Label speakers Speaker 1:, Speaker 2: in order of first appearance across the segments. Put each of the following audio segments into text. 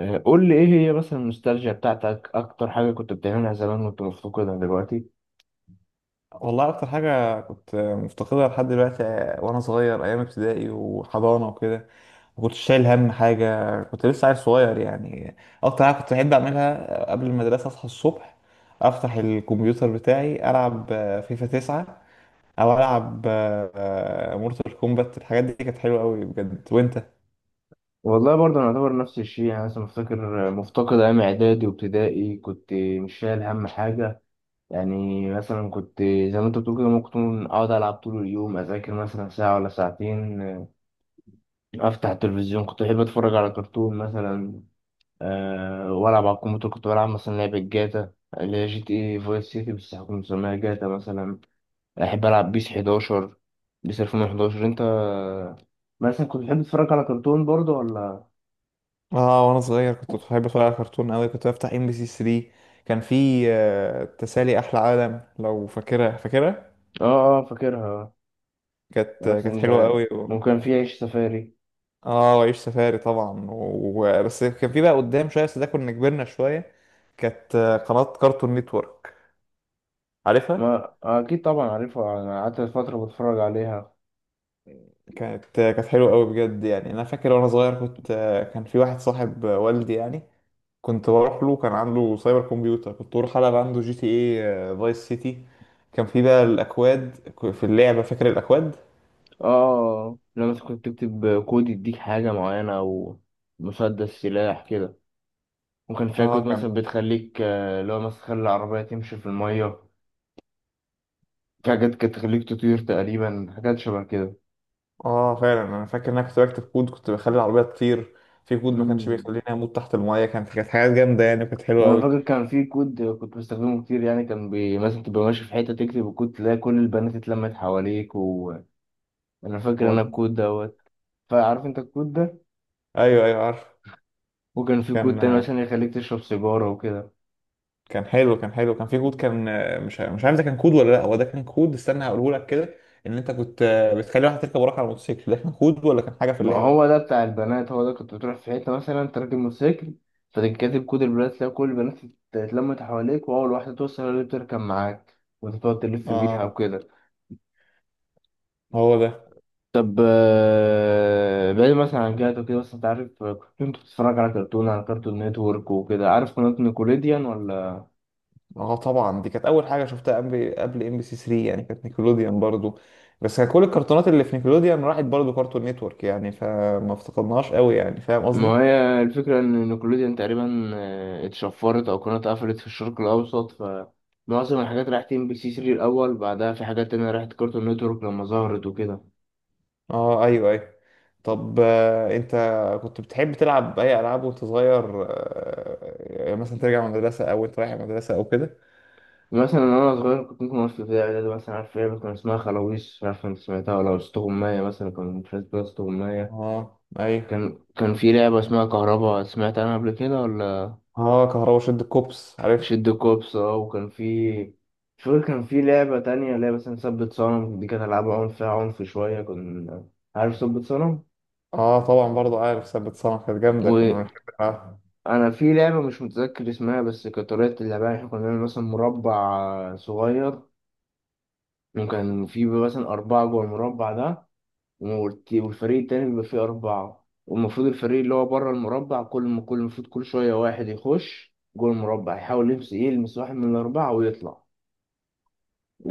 Speaker 1: قول لي ايه هي مثلا النوستالجيا بتاعتك، اكتر حاجه كنت بتعملها زمان وانت مفتقدها دلوقتي؟
Speaker 2: والله اكتر حاجه كنت مفتقدها لحد دلوقتي. وانا صغير ايام ابتدائي وحضانه وكده ما كنتش شايل هم حاجه، كنت لسه عيل صغير يعني. اكتر حاجه كنت بحب اعملها قبل المدرسه، اصحى الصبح، افتح الكمبيوتر بتاعي، العب فيفا 9 او العب مورتال كومبات. الحاجات دي كانت حلوه قوي بجد. وانت؟
Speaker 1: والله برضه انا اعتبر نفس الشيء، يعني مثلا مفتكر مفتقد ايام اعدادي وابتدائي، كنت مش شايل هم حاجه. يعني مثلا كنت زي ما انت بتقول كده، ممكن اقعد العب طول اليوم، اذاكر مثلا ساعه ولا ساعتين. افتح التلفزيون، كنت بحب اتفرج على كرتون مثلا. أه والعب على الكمبيوتر، كنت بلعب مثلا لعبه جاتا اللي هي جي تي اي فايس سيتي، بس كنت مسميها جاتا مثلا. بحب ألعب بيس 11، بيس 2011. أنت مثلا كنت بتحب تتفرج على كرتون برضه ولا؟
Speaker 2: اه، وانا صغير كنت بحب اتفرج على كرتون قوي، كنت بفتح ام بي سي 3. كان في تسالي احلى عالم، لو فاكرها فاكرها.
Speaker 1: آه آه، فاكرها.
Speaker 2: كانت
Speaker 1: يعني
Speaker 2: كانت حلوه
Speaker 1: مثلا
Speaker 2: قوي.
Speaker 1: ممكن في عيش سفاري.
Speaker 2: اه وعيش سفاري طبعا بس كان في بقى قدام شويه، بس ده كنا كبرنا شويه. كانت قناه كارتون نتورك، عارفها.
Speaker 1: ما أكيد طبعا عارفها، أنا قعدت فترة بتفرج عليها.
Speaker 2: كانت حلوه قوي بجد يعني. انا فاكر وانا صغير كنت، كان في واحد صاحب والدي يعني، كنت بروح له، كان عنده سايبر كمبيوتر، كنت بروح العب عنده جي تي اي فايس سيتي. كان في بقى الاكواد في اللعبه، فاكر الاكواد.
Speaker 1: آه، لما مثلا كنت تكتب كود يديك حاجة معينة أو مسدس سلاح كده. وكان فيها كود
Speaker 2: اه. كان
Speaker 1: مثلا بتخليك، اللي هو مثلا تخلي العربية تمشي في المية. في حاجات كانت تخليك تطير تقريبا، حاجات شبه
Speaker 2: اه فعلا انا فاكر ان انا كنت بكتب كود، كنت بخلي العربيه تطير. في كود ما كانش
Speaker 1: كده.
Speaker 2: بيخليني اموت تحت المايه. كانت حاجات جامده يعني، وكانت حلوه
Speaker 1: وانا
Speaker 2: قوي.
Speaker 1: فاكر كان في كود كنت بستخدمه كتير، يعني كان مثلا تبقى ماشي في حته، تكتب الكود تلاقي كل البنات اتلمت حواليك. وانا فاكر
Speaker 2: هو
Speaker 1: انا
Speaker 2: ده.
Speaker 1: الكود دوت. فعارف انت الكود ده؟
Speaker 2: ايوه ايوه، عارف.
Speaker 1: وكان في كود
Speaker 2: كان
Speaker 1: تاني مثلا يخليك تشرب سيجاره وكده.
Speaker 2: كان حلو كان في كود مش عارف ده كان كود ولا لا، هو ده كان كود، استنى هقوله لك كده. ان انت كنت بتخلي واحد يركب وراك على الموتوسيكل، ده كان كود ولا كان حاجه في
Speaker 1: ما
Speaker 2: اللعبه؟
Speaker 1: هو ده بتاع البنات، هو ده كنت بتروح في حته مثلا تركب موتوسيكل، فتكتب كود البنات، تلاقي كل البنات اتلمت حواليك، واول واحده توصل هي اللي بتركب معاك وانت تقعد تلف بيها
Speaker 2: اه،
Speaker 1: وكده.
Speaker 2: هو ده.
Speaker 1: طب بعيد مثلا عن جهته كده وكده، بس انت عارف، كنت بتتفرج على كرتون، على كرتون نتورك وكده. عارف قناة نيكوليديان ولا؟
Speaker 2: اه طبعا، دي كانت اول حاجه شفتها قبل ام بي سي 3 يعني، كانت نيكلوديان برضو. بس كان كل الكرتونات اللي في نيكلوديان راحت برضو كارتون نتورك يعني، فما افتقدناهاش قوي يعني، فاهم
Speaker 1: ما
Speaker 2: قصدي.
Speaker 1: هي الفكرة ان نيكوليديان تقريبا اتشفرت او قناة قفلت في الشرق الاوسط، فمعظم الحاجات راحت ام بي سي 3 الاول، بعدها في حاجات تانية راحت كرتون نتورك لما ظهرت وكده.
Speaker 2: اه ايوه ايوه. طب انت كنت بتحب تلعب اي العاب وانت صغير؟ يعني مثلا ترجع من المدرسه او انت رايح المدرسه او كده.
Speaker 1: مثلا انا صغير كنت ممكن اوصل في ابتدائي ده، مثلا عارف ايه كان اسمها؟ خلاويص. مش عارف انت سمعتها ولا؟ اسطوغماية مثلا، كان في اسطوغماية.
Speaker 2: اه ايوه.
Speaker 1: كان في لعبة اسمها كهربا، سمعت عنها قبل كده ولا؟
Speaker 2: اه كهربا شد الكوبس، عارف.
Speaker 1: شد كوبس. اه، وكان في، مش فاكر، كان في لعبة تانية اللي هي مثلا ثبت صنم. دي كانت ألعاب عنف، فيها عنف شوية كنا. عارف ثبت صنم؟
Speaker 2: اه طبعا برضو عارف ثبت صنع، كانت جامده كنا
Speaker 1: وأنا
Speaker 2: بنحب نلعبها.
Speaker 1: في لعبة مش متذكر اسمها، بس كانت طريقة اللعبة يعني احنا كنا بنعمل مثلا مربع صغير، وكان في مثلا أربعة جوه المربع ده، والفريق التاني بيبقى فيه أربعة، والمفروض الفريق اللي هو بره المربع كل ما كل المفروض كل شوية واحد يخش جوه المربع يحاول يلمس، يلمس واحد من الأربعة ويطلع،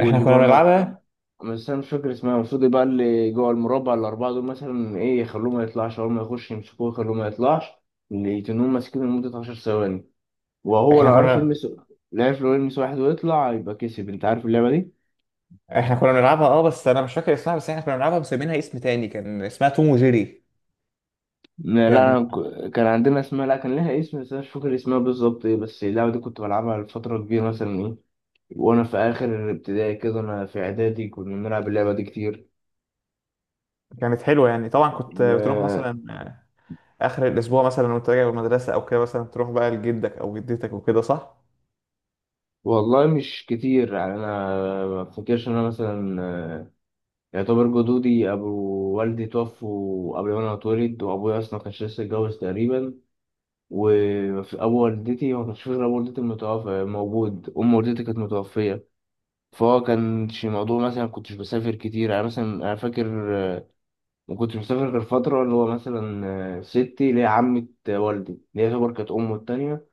Speaker 2: احنا
Speaker 1: جوه
Speaker 2: كنا
Speaker 1: المربع،
Speaker 2: بنلعبها.
Speaker 1: بس انا مش فاكر اسمها. المفروض يبقى اللي جوه المربع الاربعه دول مثلا ايه، يخلوه ما يطلعش، اول ما يخش يمسكوه يخلوه ما يطلعش. اللي يتنوهم ماسكينه لمده 10 ثواني، وهو
Speaker 2: احنا
Speaker 1: لو عرف
Speaker 2: كنا
Speaker 1: يلمس، لو عرف لو يلمس واحد ويطلع يبقى كسب. انت عارف اللعبه دي؟
Speaker 2: احنا كنا بنلعبها، اه بس انا مش فاكر اسمها، بس احنا كنا بنلعبها مسمينها اسم تاني، كان اسمها توم وجيري.
Speaker 1: لا لا،
Speaker 2: كان
Speaker 1: أنا كان عندنا اسمها، لا كان لها اسم، بس انا مش فاكر اسمها بالظبط ايه، بس اللعبه دي كنت بلعبها لفتره كبيره مثلا ايه. وانا في اخر ابتدائي كده، انا في اعدادي كنا بنلعب اللعبه دي كتير.
Speaker 2: كانت حلوه يعني. طبعا كنت بتروح
Speaker 1: ما
Speaker 2: مثلا اخر الاسبوع مثلا وانت راجع من المدرسه او كده، مثلا تروح بقى لجدك او جدتك وكده، صح؟
Speaker 1: والله مش كتير يعني، انا ما افتكرش ان انا مثلا يعتبر جدودي، أبو والدي توفوا قبل ما أنا أتولد، وأبويا أصلا ما كانش لسه اتجوز تقريبا. وأبو والدتي ما كانش فيه غير أبو والدتي المتوفى موجود، أم والدتي كانت متوفية. فهو كانش موضوع مثلا، كنتش بسافر كتير يعني. مثلا أنا فاكر، ما كنتش بسافر غير فترة اللي هو مثلا ستي اللي هي عمة والدي اللي هي يعتبر كانت أمه التانية.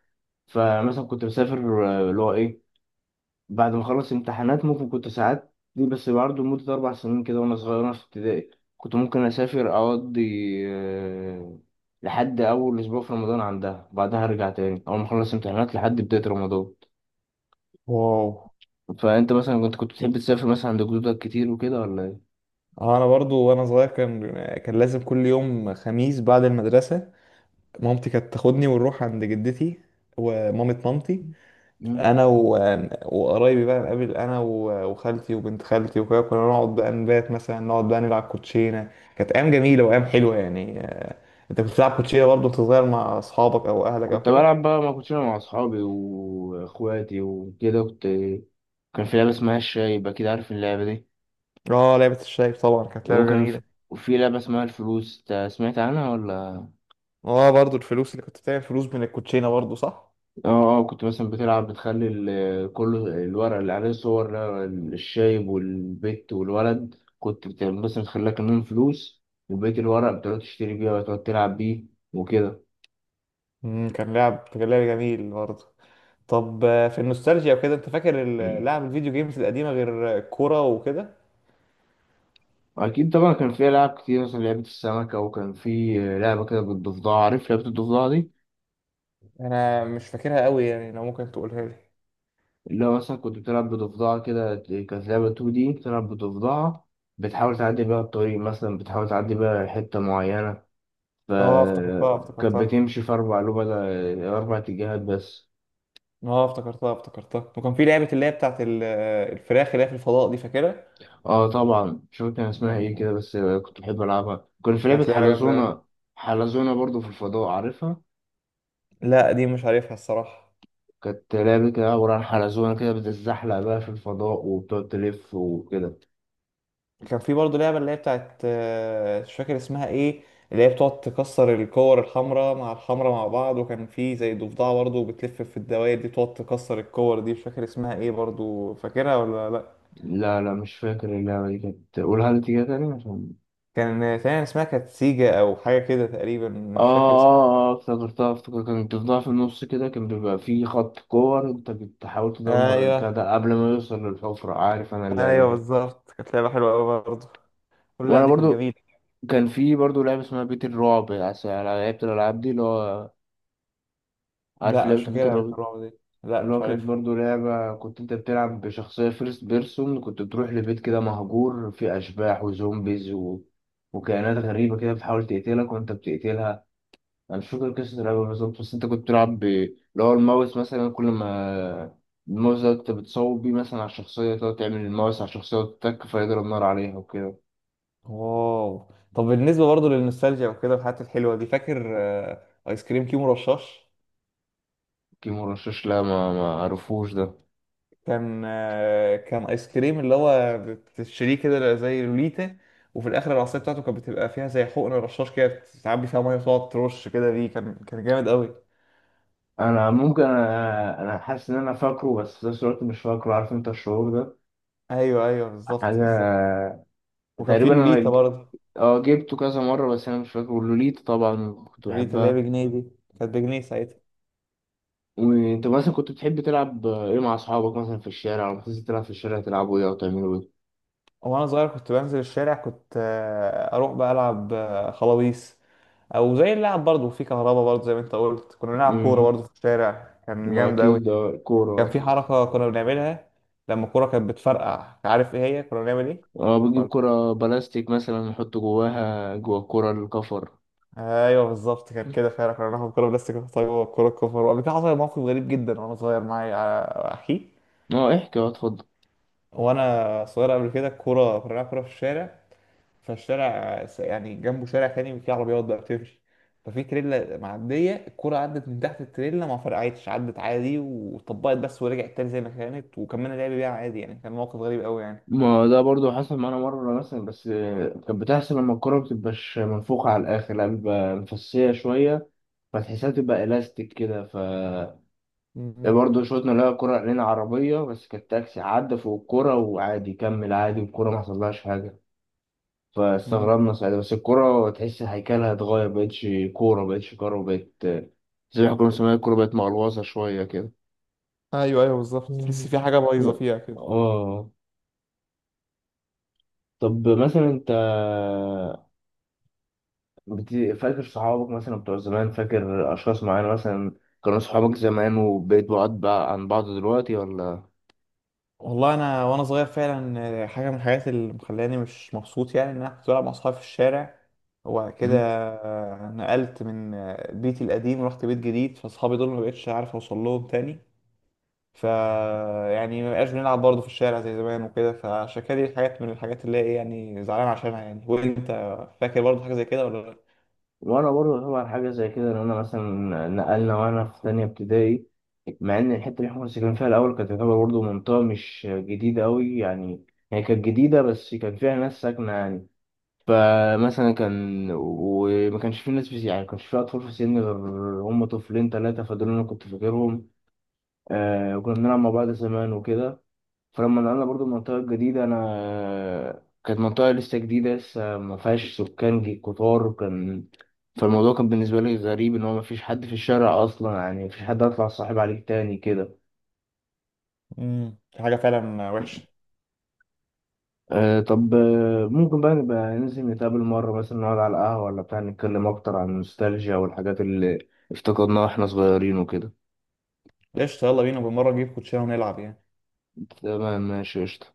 Speaker 1: فمثلا كنت بسافر، اللي هو إيه، بعد ما خلصت امتحانات ممكن كنت ساعات دي، بس برضه لمدة أربع سنين كده، وأنا صغير وأنا في ابتدائي كنت ممكن أسافر أقضي آه، لحد أول أسبوع في رمضان عندها، بعدها أرجع تاني. أول ما أخلص امتحانات لحد بداية رمضان.
Speaker 2: واو.
Speaker 1: فأنت مثلا كنت بتحب تسافر مثلا عند جدودك كتير وكده ولا إيه؟
Speaker 2: انا برضو وانا صغير كان لازم كل يوم خميس بعد المدرسه مامتي كانت تاخدني ونروح عند جدتي ومامة مامتي.
Speaker 1: مم.
Speaker 2: انا وقرايبي بقى نقابل، انا وخالتي وبنت خالتي وكده، كنا نقعد بقى نبات، مثلا نقعد بقى نلعب كوتشينه. كانت ايام جميله وايام حلوه يعني. انت كنت بتلعب كوتشينه برضو وانت صغير مع اصحابك او اهلك او
Speaker 1: كنت
Speaker 2: كده؟
Speaker 1: بلعب بقى، ما كنتش أنا مع أصحابي وإخواتي وكده كنت. كان في لعبة اسمها الشاي يبقى كده، عارف اللعبة دي؟
Speaker 2: اه لعبه الشايب طبعا، كانت لعبه
Speaker 1: وممكن في
Speaker 2: جميله.
Speaker 1: في لعبة اسمها الفلوس، إنت سمعت عنها؟
Speaker 2: اه برضو الفلوس، اللي كنت بتعمل فلوس من الكوتشينه برضو، صح.
Speaker 1: اه. اه كنت مثلا بتلعب، بتخلي كل الورق اللي عليه صور، الشايب والبت والولد، مثلا تخليها كمان فلوس، وبقية الورق بتقعد تشتري بيه وتقعد تلعب بيه وكده.
Speaker 2: امم، كان لعب جميل برضو. طب في النوستالجيا وكده، انت فاكر
Speaker 1: مم.
Speaker 2: لعب الفيديو جيمز القديمه غير الكوره وكده؟
Speaker 1: أكيد طبعا، كان في ألعاب كتير مثلا لعبة السمكة، وكان في لعبة كده بالضفدعة. عارف لعبة الضفدعة دي؟
Speaker 2: انا مش فاكرها قوي يعني، لو ممكن تقولها لي.
Speaker 1: اللي هو مثلا كنت بتلعب بضفدعة كده، كانت لعبة 2D بتلعب بضفدعة، بتحاول تعدي بيها الطريق مثلا، بتحاول تعدي بيها حتة معينة،
Speaker 2: اه افتكرتها
Speaker 1: فكانت
Speaker 2: افتكرتها.
Speaker 1: بتمشي في أربع لوبة، أربع اتجاهات بس.
Speaker 2: اه افتكرتها افتكرتها، وكان في لعبه اللي هي بتاعت الفراخ اللي هي في الفضاء، دي فاكرها؟
Speaker 1: اه طبعا، مش فاكر كان اسمها ايه
Speaker 2: كان
Speaker 1: كده، بس كنت بحب ألعبها. كان في
Speaker 2: كانت
Speaker 1: لعبة
Speaker 2: لعبه جامده.
Speaker 1: حلزونة، حلزونة برضو في الفضاء، عارفها؟
Speaker 2: لا دي مش عارفها الصراحه.
Speaker 1: كانت لعبة كده عبارة عن حلزونة كده بتتزحلق بقى في الفضاء وبتقعد تلف وكده.
Speaker 2: كان في برضه لعبة اللي هي بتاعت، مش فاكر اسمها ايه، اللي هي بتقعد تكسر الكور الحمراء مع الحمراء مع بعض، وكان في زي ضفدعة برضه بتلف في الدوائر دي بتقعد تكسر الكور دي، مش فاكر اسمها ايه، برضه فاكرها ولا لا؟
Speaker 1: لا لا مش فاكر اللعبة دي، كانت قولها لي تاني تاني عشان.
Speaker 2: كان تقريبا اسمها كانت سيجا او حاجة كده تقريبا،
Speaker 1: اه
Speaker 2: مش فاكر اسمها.
Speaker 1: اه اه، افتكرتها، افتكرت كانت بتفضل في النص كده، كان بيبقى في خط كور انت بتحاول تدمر البتاع
Speaker 2: ايوه
Speaker 1: ده قبل ما يوصل للحفرة. عارف انا اللعبة
Speaker 2: ايوه
Speaker 1: دي.
Speaker 2: بالظبط، كانت لعبة حلوة قوي برضه، كل اللعب
Speaker 1: وانا
Speaker 2: دي كانت
Speaker 1: برضو
Speaker 2: جميلة.
Speaker 1: كان في برضه لعبة اسمها بيت الرعب. أنا لعبت الألعاب دي اللي هو، عارف
Speaker 2: لا
Speaker 1: لعبة
Speaker 2: مش
Speaker 1: بيت
Speaker 2: فاكرها، بيت
Speaker 1: الرعب؟
Speaker 2: الرعب دي لا
Speaker 1: اللي هو
Speaker 2: مش
Speaker 1: كانت
Speaker 2: عارفها.
Speaker 1: برضه لعبة كنت أنت بتلعب بشخصية فيرست بيرسون، كنت بتروح لبيت كده مهجور فيه أشباح وزومبيز وكائنات غريبة كده بتحاول تقتلك وأنت بتقتلها. أنا مش فاكر قصة اللعبة بالظبط، بس أنت كنت بتلعب اللي هو الماوس مثلا، كل ما الماوس ده أنت بتصوب بيه مثلا على الشخصية، تقعد تعمل الماوس على الشخصية وتتك فيضرب نار عليها وكده.
Speaker 2: واو. طب بالنسبة برضه للنوستالجيا وكده والحاجات الحلوة دي، فاكر ايس كريم كيمو رشاش؟
Speaker 1: كيمو رشاش، لا ما عرفوش ده.
Speaker 2: كان كان ايس كريم، اللي هو بتشتريه كده زي لوليتا، وفي الاخر العصايه بتاعته كانت بتبقى فيها زي حقن رشاش كده، بتعبي فيها ميه وتقعد ترش كده بيه، كان جامد قوي.
Speaker 1: انا ممكن انا حاسس ان انا فاكره بس في نفس الوقت مش فاكره، عارف انت الشعور ده؟
Speaker 2: ايوه ايوه بالظبط
Speaker 1: حاجه،
Speaker 2: بالظبط. وكان في
Speaker 1: تقريبا انا
Speaker 2: اللوليتا برضه،
Speaker 1: اه جبته كذا مره بس انا مش فاكره. لوليتا طبعا كنت
Speaker 2: اللوليتا اللي هي
Speaker 1: بحبها.
Speaker 2: بجنيه دي، كانت بجنيه ساعتها.
Speaker 1: وانت مثلا كنت بتحب تلعب ايه مع اصحابك مثلا في الشارع، لما تنزل تلعب في الشارع تلعبوا ايه او تعملوا ايه؟
Speaker 2: وانا صغير كنت بنزل الشارع، كنت اروح بقى العب خلاويص، او زي اللعب برضه في كهربا. برضه زي ما انت قلت كنا بنلعب كوره
Speaker 1: امم.
Speaker 2: برضه في الشارع، كان
Speaker 1: ما
Speaker 2: جامد قوي.
Speaker 1: اكيد ده
Speaker 2: كان في
Speaker 1: كوره.
Speaker 2: حركة كنا بنعملها لما الكورة كانت بتفرقع، عارف ايه هي كنا بنعمل ايه؟
Speaker 1: اه بنجيب
Speaker 2: ولا.
Speaker 1: كوره بلاستيك مثلا نحط جواها جوا الكوره الكفر.
Speaker 2: ايوه بالظبط كان كده فعلا، كنا بناخد كورة بلاستيك ونحطها جوه الكورة الكفر. وقبل كده حصل موقف غريب جدا وانا صغير، معايا على اخي.
Speaker 1: اه احكي، اه اتفضل.
Speaker 2: وانا صغير قبل كده الكورة كنا بنلعب كورة في الشارع، فالشارع يعني جنبه شارع تاني فيه عربيات بقى بتمشي، ففي تريلا معدية، الكورة عدت من تحت التريلا ما فرقعتش، عدت عادي وطبقت بس ورجعت تاني زي ما كانت وكملنا لعب بيها عادي يعني، كان موقف غريب قوي يعني.
Speaker 1: ما ده برضو حصل معانا مرة مثلا، بس كانت بتحصل لما الكرة مبتبقاش منفوخة على الآخر، لا بتبقى مفسية شوية، فتحسها تبقى إلاستيك كده. ف برضه شوطنا، لقى كرة علينا عربية بس كانت تاكسي عدى فوق الكرة وعادي كمل، عادي الكرة ما حصلهاش حاجة.
Speaker 2: مم.
Speaker 1: فاستغربنا ساعتها، بس الكرة تحس هيكلها اتغير، مبقتش كورة، مبقتش كورة، بقت زي ما كنا بنسميها، الكورة بقت مقلوصة شوية كده.
Speaker 2: ايوه ايوه بالظبط، تحس
Speaker 1: مم.
Speaker 2: في حاجه بايظه فيها كده.
Speaker 1: اه. طب مثلا انت بت... فاكر صحابك مثلا بتوع زمان؟ فاكر أشخاص معينة مثلا كانوا صحابك زمان وبقيت بعاد بقى عن بعض دلوقتي ولا؟
Speaker 2: والله انا وانا صغير فعلا حاجه من الحاجات اللي مخلاني مش مبسوط يعني، ان انا كنت بلعب مع اصحابي في الشارع، وبعد كده
Speaker 1: مم.
Speaker 2: نقلت من بيتي القديم ورحت بيت جديد، فاصحابي دول ما بقتش عارف اوصل لهم تاني، ف يعني ما بقاش بنلعب برضه في الشارع زي زمان وكده. فعشان كده دي حاجات من الحاجات اللي هي إيه، يعني زعلان عشانها يعني. وانت فاكر برضه حاجه زي كده ولا لا؟
Speaker 1: وأنا برضه طبعا حاجة زي كده، إن أنا مثلا نقلنا وأنا في تانية ابتدائي. مع إن الحتة اللي إحنا كنا ساكنين فيها الأول كانت تعتبر برضه منطقة مش جديدة أوي يعني، هي كانت جديدة بس كان فيها ناس ساكنة يعني. فمثلا كان، وما كانش في ناس في يعني، ما كانش في أطفال في سني غير هم طفلين تلاتة، فدول أنا كنت فاكرهم. آه وكنا بنلعب مع بعض زمان وكده. فلما نقلنا برضو المنطقة الجديدة، أنا كانت منطقة لسه جديدة، لسه ما فيهاش سكان كتار كان. فالموضوع كان بالنسبة لي غريب، إن هو ما فيش حد في الشارع أصلا يعني، ما فيش حد أطلع صاحب عليك تاني كده.
Speaker 2: حاجه فعلا وحشه.
Speaker 1: أه طب ممكن بقى نبقى ننزل نتقابل مرة مثلا، نقعد على القهوة ولا بتاع، نتكلم أكتر عن النوستالجيا والحاجات اللي افتقدناها واحنا صغيرين وكده.
Speaker 2: قشطه، يلا بينا، بالمره نجيب كوتشينه ونلعب يعني.
Speaker 1: تمام ماشي قشطة.